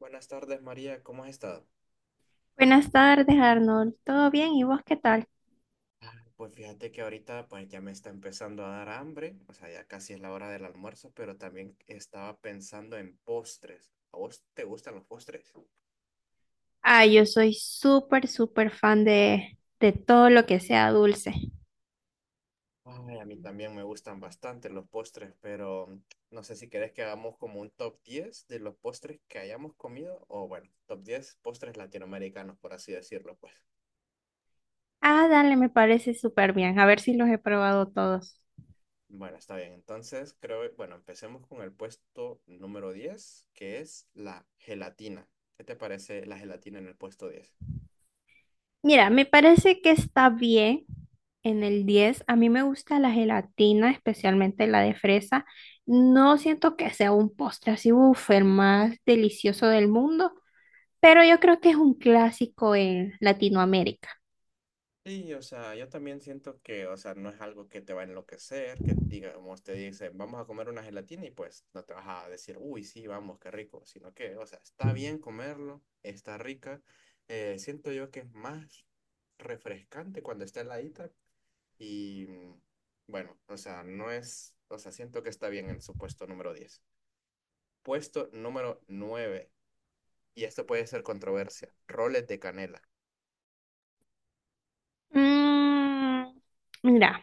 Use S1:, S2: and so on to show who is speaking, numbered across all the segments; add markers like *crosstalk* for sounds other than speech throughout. S1: Buenas tardes, María, ¿cómo has estado?
S2: Buenas tardes, Arnold. ¿Todo bien? ¿Y vos qué tal?
S1: Pues fíjate que ahorita pues ya me está empezando a dar hambre, o sea, ya casi es la hora del almuerzo, pero también estaba pensando en postres. ¿A vos te gustan los postres?
S2: Ah, yo soy súper, súper fan de todo lo que sea dulce.
S1: Ay, a mí también me gustan bastante los postres, pero no sé si querés que hagamos como un top 10 de los postres que hayamos comido, o bueno, top 10 postres latinoamericanos, por así decirlo, pues.
S2: Ah, dale, me parece súper bien. A ver si los he probado todos.
S1: Bueno, está bien. Entonces, creo, bueno, empecemos con el puesto número 10 que es la gelatina. ¿Qué te parece la gelatina en el puesto diez?
S2: Mira, me parece que está bien en el 10. A mí me gusta la gelatina, especialmente la de fresa. No siento que sea un postre así, uff, el más delicioso del mundo, pero yo creo que es un clásico en Latinoamérica.
S1: Sí, o sea, yo también siento que, o sea, no es algo que te va a enloquecer, que digamos, te dicen, vamos a comer una gelatina y pues no te vas a decir, uy, sí, vamos, qué rico, sino que, o sea, está bien comerlo, está rica. Siento yo que es más refrescante cuando está heladita, y bueno, o sea, no es, o sea, siento que está bien en su puesto número diez. Puesto número nueve, y esto puede ser controversia, roles de canela.
S2: Mm, mira.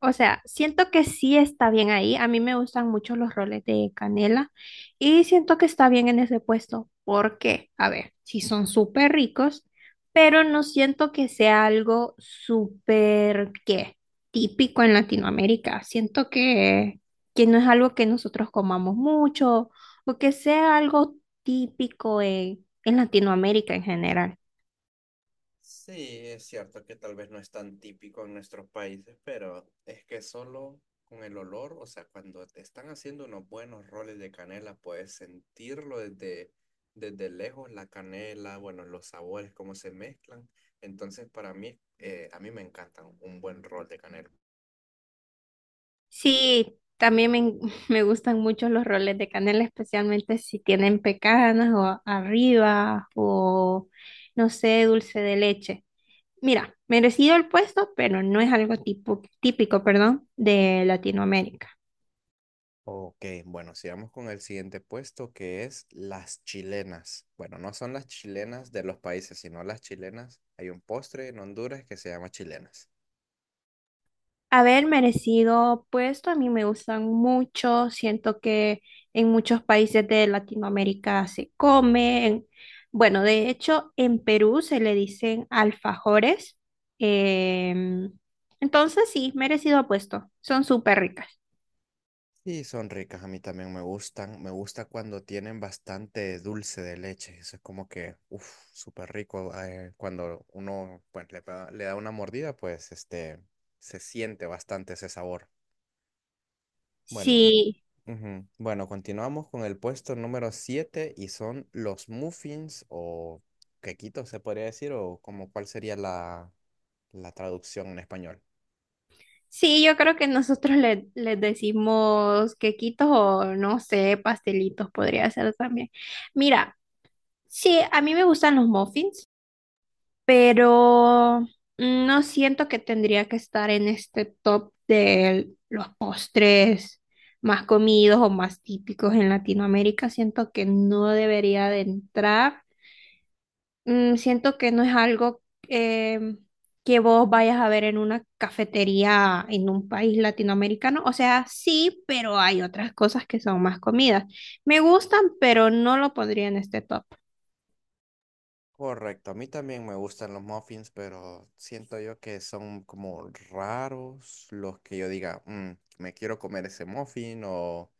S2: O sea, siento que sí está bien ahí. A mí me gustan mucho los roles de canela y siento que está bien en ese puesto, porque, a ver, sí son súper ricos, pero no siento que sea algo súper, ¿qué? Típico en Latinoamérica. Siento que no es algo que nosotros comamos mucho o que sea algo típico en Latinoamérica en general.
S1: Sí, es cierto que tal vez no es tan típico en nuestros países, pero es que solo con el olor, o sea, cuando te están haciendo unos buenos roles de canela, puedes sentirlo desde, desde lejos, la canela, bueno, los sabores, cómo se mezclan. Entonces, para mí, a mí me encantan un buen rol de canela.
S2: Sí, también *laughs* me gustan mucho los roles de canela, especialmente si tienen pecanas o arriba o, no sé, dulce de leche. Mira, merecido el puesto, pero no es algo tipo, típico, perdón, de Latinoamérica.
S1: Ok, bueno, sigamos con el siguiente puesto que es las chilenas. Bueno, no son las chilenas de los países, sino las chilenas. Hay un postre en Honduras que se llama chilenas.
S2: Haber merecido puesto. A mí me gustan mucho. Siento que en muchos países de Latinoamérica se comen. Bueno, de hecho, en Perú se le dicen alfajores. Em, entonces, sí, merecido puesto. Son súper ricas.
S1: Y son ricas, a mí también me gustan. Me gusta cuando tienen bastante dulce de leche. Eso es como que, uff, súper rico. Cuando uno pues, le da una mordida, pues este, se siente bastante ese sabor. Bueno,
S2: Sí,
S1: ujú. Bueno, continuamos con el puesto número 7 y son los muffins o quequitos, se podría decir, o como cuál sería la, la traducción en español.
S2: sí, yo creo que nosotros les decimos quequitos o no sé, pastelitos podría ser también. Mira, sí, a mí me gustan los muffins, pero no siento que tendría que estar en este top de los postres más comidos o más típicos en Latinoamérica. Siento que no debería de entrar. Mm, siento que no es algo eh, que vos vayas a ver en una cafetería en un país latinoamericano. O sea, sí, pero hay otras cosas que son más comidas. Me gustan, pero no lo pondría en este top.
S1: Correcto, a mí también me gustan los muffins, pero siento yo que son como raros los que yo diga, "Mm, me quiero comer ese muffin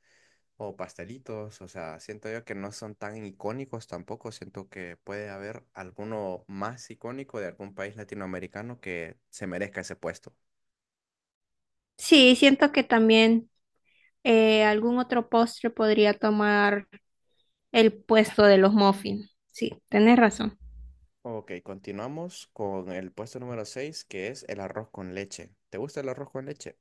S1: o pastelitos", o sea, siento yo que no son tan icónicos tampoco, siento que puede haber alguno más icónico de algún país latinoamericano que se merezca ese puesto.
S2: Sí, siento que también algún otro postre podría tomar el puesto de los muffins. Sí, tenés razón.
S1: Ok, continuamos con el puesto número 6 que es el arroz con leche. ¿Te gusta el arroz con leche?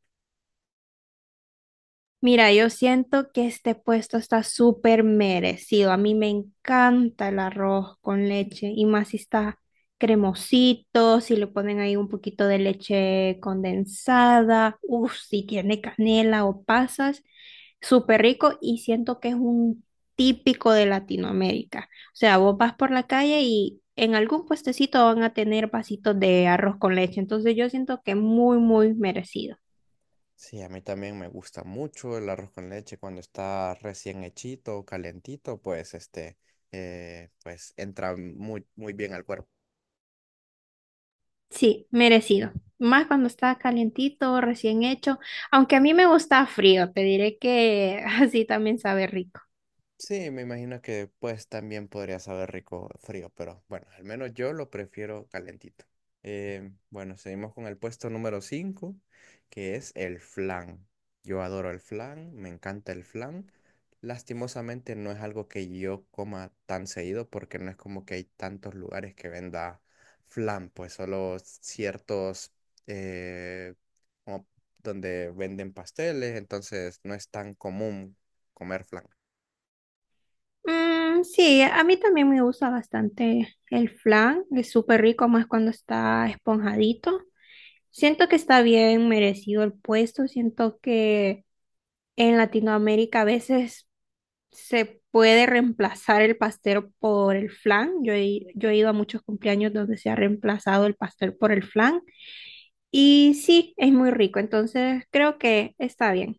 S2: Mira, yo siento que este puesto está súper merecido. A mí me encanta el arroz con leche y más si está cremosito, si le ponen ahí un poquito de leche condensada, uff, si tiene canela o pasas, súper rico, y siento que es un típico de Latinoamérica. O sea, vos vas por la calle y en algún puestecito van a tener vasitos de arroz con leche. Entonces yo siento que muy, muy merecido.
S1: Sí, a mí también me gusta mucho el arroz con leche cuando está recién hechito, calentito, pues este, pues entra muy bien al cuerpo.
S2: Sí, merecido. Más cuando está calientito, recién hecho. Aunque a mí me gusta frío, te diré que *laughs* así también sabe rico.
S1: Sí, me imagino que pues también podría saber rico frío, pero bueno, al menos yo lo prefiero calentito. Bueno, seguimos con el puesto número 5, que es el flan. Yo adoro el flan, me encanta el flan. Lastimosamente no es algo que yo coma tan seguido porque no es como que hay tantos lugares que venda flan, pues solo ciertos eh, como donde venden pasteles, entonces no es tan común comer flan.
S2: Mm, sí, a mí también me gusta bastante el flan. Es súper rico, más cuando está esponjadito. Siento que está bien merecido el puesto. Siento que en Latinoamérica a veces se puede reemplazar el pastel por el flan. Yo he ido a muchos cumpleaños donde se ha reemplazado el pastel por el flan. Y sí, es muy rico, entonces creo que está bien.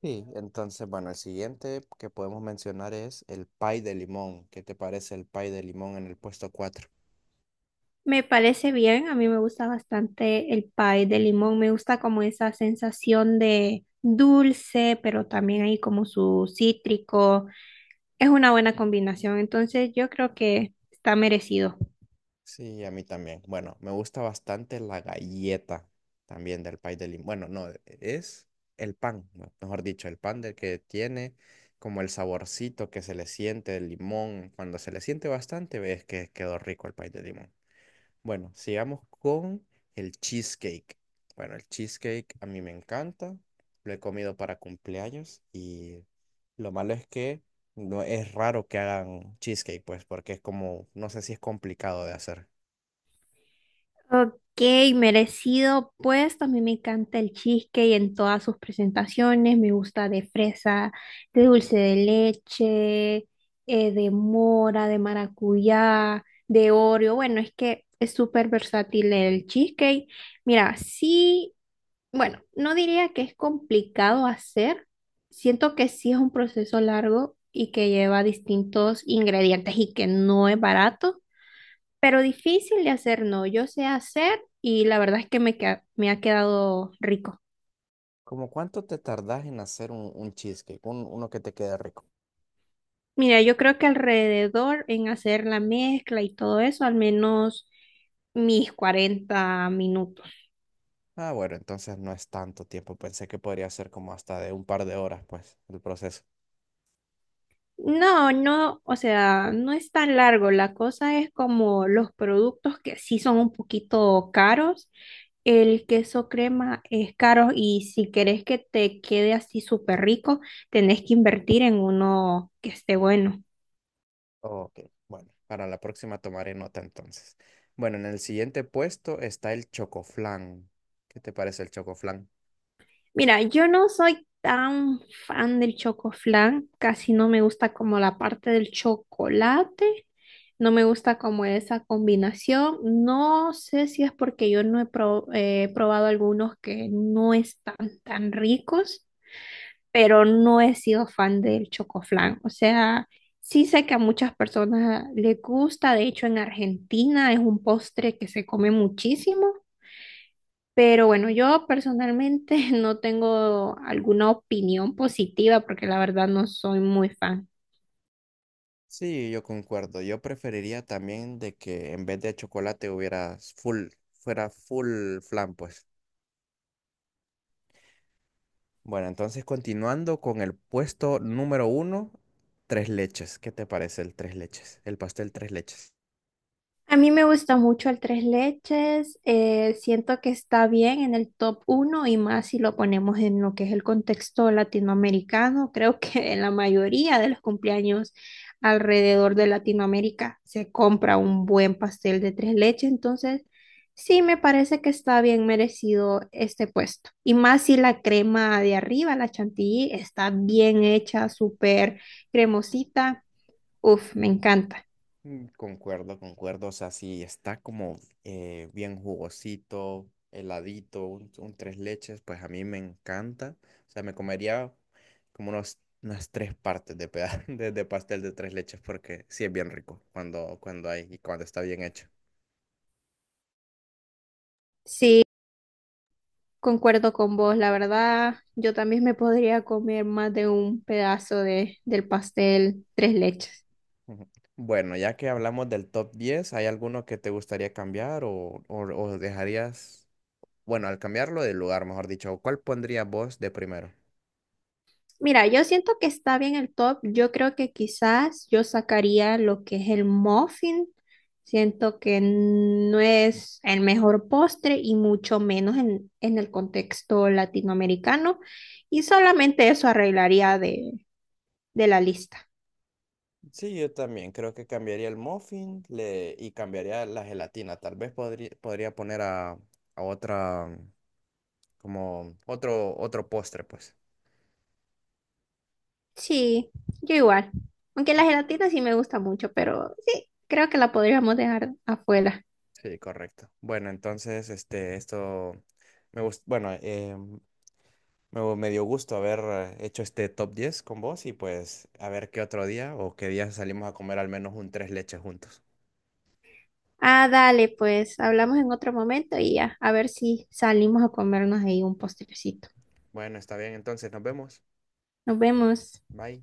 S1: Sí, entonces, bueno, el siguiente que podemos mencionar es el pie de limón. ¿Qué te parece el pie de limón en el puesto 4?
S2: Me parece bien, a mí me gusta bastante el pie de limón, me gusta como esa sensación de dulce, pero también hay como su cítrico. Es una buena combinación, entonces yo creo que está merecido.
S1: Sí, a mí también. Bueno, me gusta bastante la galleta también del pay de limón. Bueno, no, es el pan, mejor dicho, el pan del que tiene como el saborcito que se le siente el limón. Cuando se le siente bastante, ves que quedó rico el pay de limón. Bueno, sigamos con el cheesecake. Bueno, el cheesecake a mí me encanta. Lo he comido para cumpleaños y lo malo es que no es raro que hagan cheesecake, pues, porque es como, no sé si es complicado de hacer.
S2: Ok, merecido, pues también me encanta el cheesecake en todas sus presentaciones, me gusta de fresa, de dulce de leche, de mora, de maracuyá, de Oreo. Bueno, es que es súper versátil el cheesecake. Mira, sí, bueno, no diría que es complicado hacer, siento que sí es un proceso largo y que lleva distintos ingredientes y que no es barato, pero difícil de hacer no. Yo sé hacer y la verdad es que me ha quedado rico.
S1: ¿Cómo cuánto te tardás en hacer un cheesecake? Uno que te quede rico.
S2: Mira, yo creo que alrededor en hacer la mezcla y todo eso, al menos mis 40 minutos.
S1: Ah, bueno, entonces no es tanto tiempo. Pensé que podría ser como hasta de un par de horas, pues, el proceso.
S2: No, no, o sea, no es tan largo. La cosa es como los productos que sí son un poquito caros. El queso crema es caro y si querés que te quede así súper rico, tenés que invertir en uno que esté bueno.
S1: Ok, bueno, para la próxima tomaré nota entonces. Bueno, en el siguiente puesto está el chocoflán. ¿Qué te parece el chocoflán?
S2: Mira, yo no soy tan fan del chocoflan, casi no me gusta como la parte del chocolate, no me gusta como esa combinación. No sé si es porque yo no he pro- probado algunos que no están tan ricos, pero no he sido fan del chocoflan. O sea, sí sé que a muchas personas les gusta, de hecho en Argentina es un postre que se come muchísimo. Pero bueno, yo personalmente *laughs* no tengo alguna opinión positiva porque la verdad no soy muy fan.
S1: Sí, yo concuerdo. Yo preferiría también de que en vez de chocolate hubiera full, fuera full flan, pues. Bueno, entonces continuando con el puesto número uno, tres leches. ¿Qué te parece el tres leches? El pastel tres leches.
S2: A mí me gusta mucho el tres leches, siento que está bien en el top uno y más si lo ponemos en lo que es el contexto latinoamericano. Creo que en la mayoría de los cumpleaños alrededor de Latinoamérica se compra un buen pastel de tres leches, entonces sí me parece que está bien merecido este puesto. Y más si la crema de arriba, la chantilly, está bien hecha, súper cremosita. Uf, me encanta.
S1: Mm, concuerdo, concuerdo. O sea, sí, está como bien jugosito, heladito, un tres leches, pues a mí me encanta. O sea, me comería como unos, unas tres partes de, peda- *laughs* de pastel de tres leches porque sí es bien rico cuando, cuando hay y cuando está bien hecho.
S2: Sí. Concuerdo con vos, la verdad, yo también me podría comer más de un pedazo de, del pastel tres leches.
S1: Ujú. Bueno, ya que hablamos del top diez, ¿hay alguno que te gustaría cambiar o dejarías, bueno, al cambiarlo de lugar, mejor dicho, ¿cuál pondrías vos de primero?
S2: Mira, yo siento que está bien el top, yo creo que quizás yo sacaría lo que es el muffin, siento que no es el mejor postre y mucho menos en el contexto latinoamericano, y solamente eso arreglaría de la lista.
S1: Sí, yo también creo que cambiaría el muffin le, y cambiaría la gelatina. Tal vez podría poner a otra, como otro, otro postre, pues.
S2: Sí, yo igual. Aunque la gelatina sí me gusta mucho, pero sí, creo que la podríamos dejar afuera.
S1: Sí, correcto. Bueno, entonces, este, esto bueno, me dio gusto haber hecho este top 10 con vos y pues a ver qué otro día o qué día salimos a comer al menos un tres leches juntos.
S2: Ah, dale, pues hablamos en otro momento y ya, a ver si salimos a comernos ahí un postrecito.
S1: Bueno, está bien, entonces nos vemos.
S2: Nos vemos.
S1: Bye.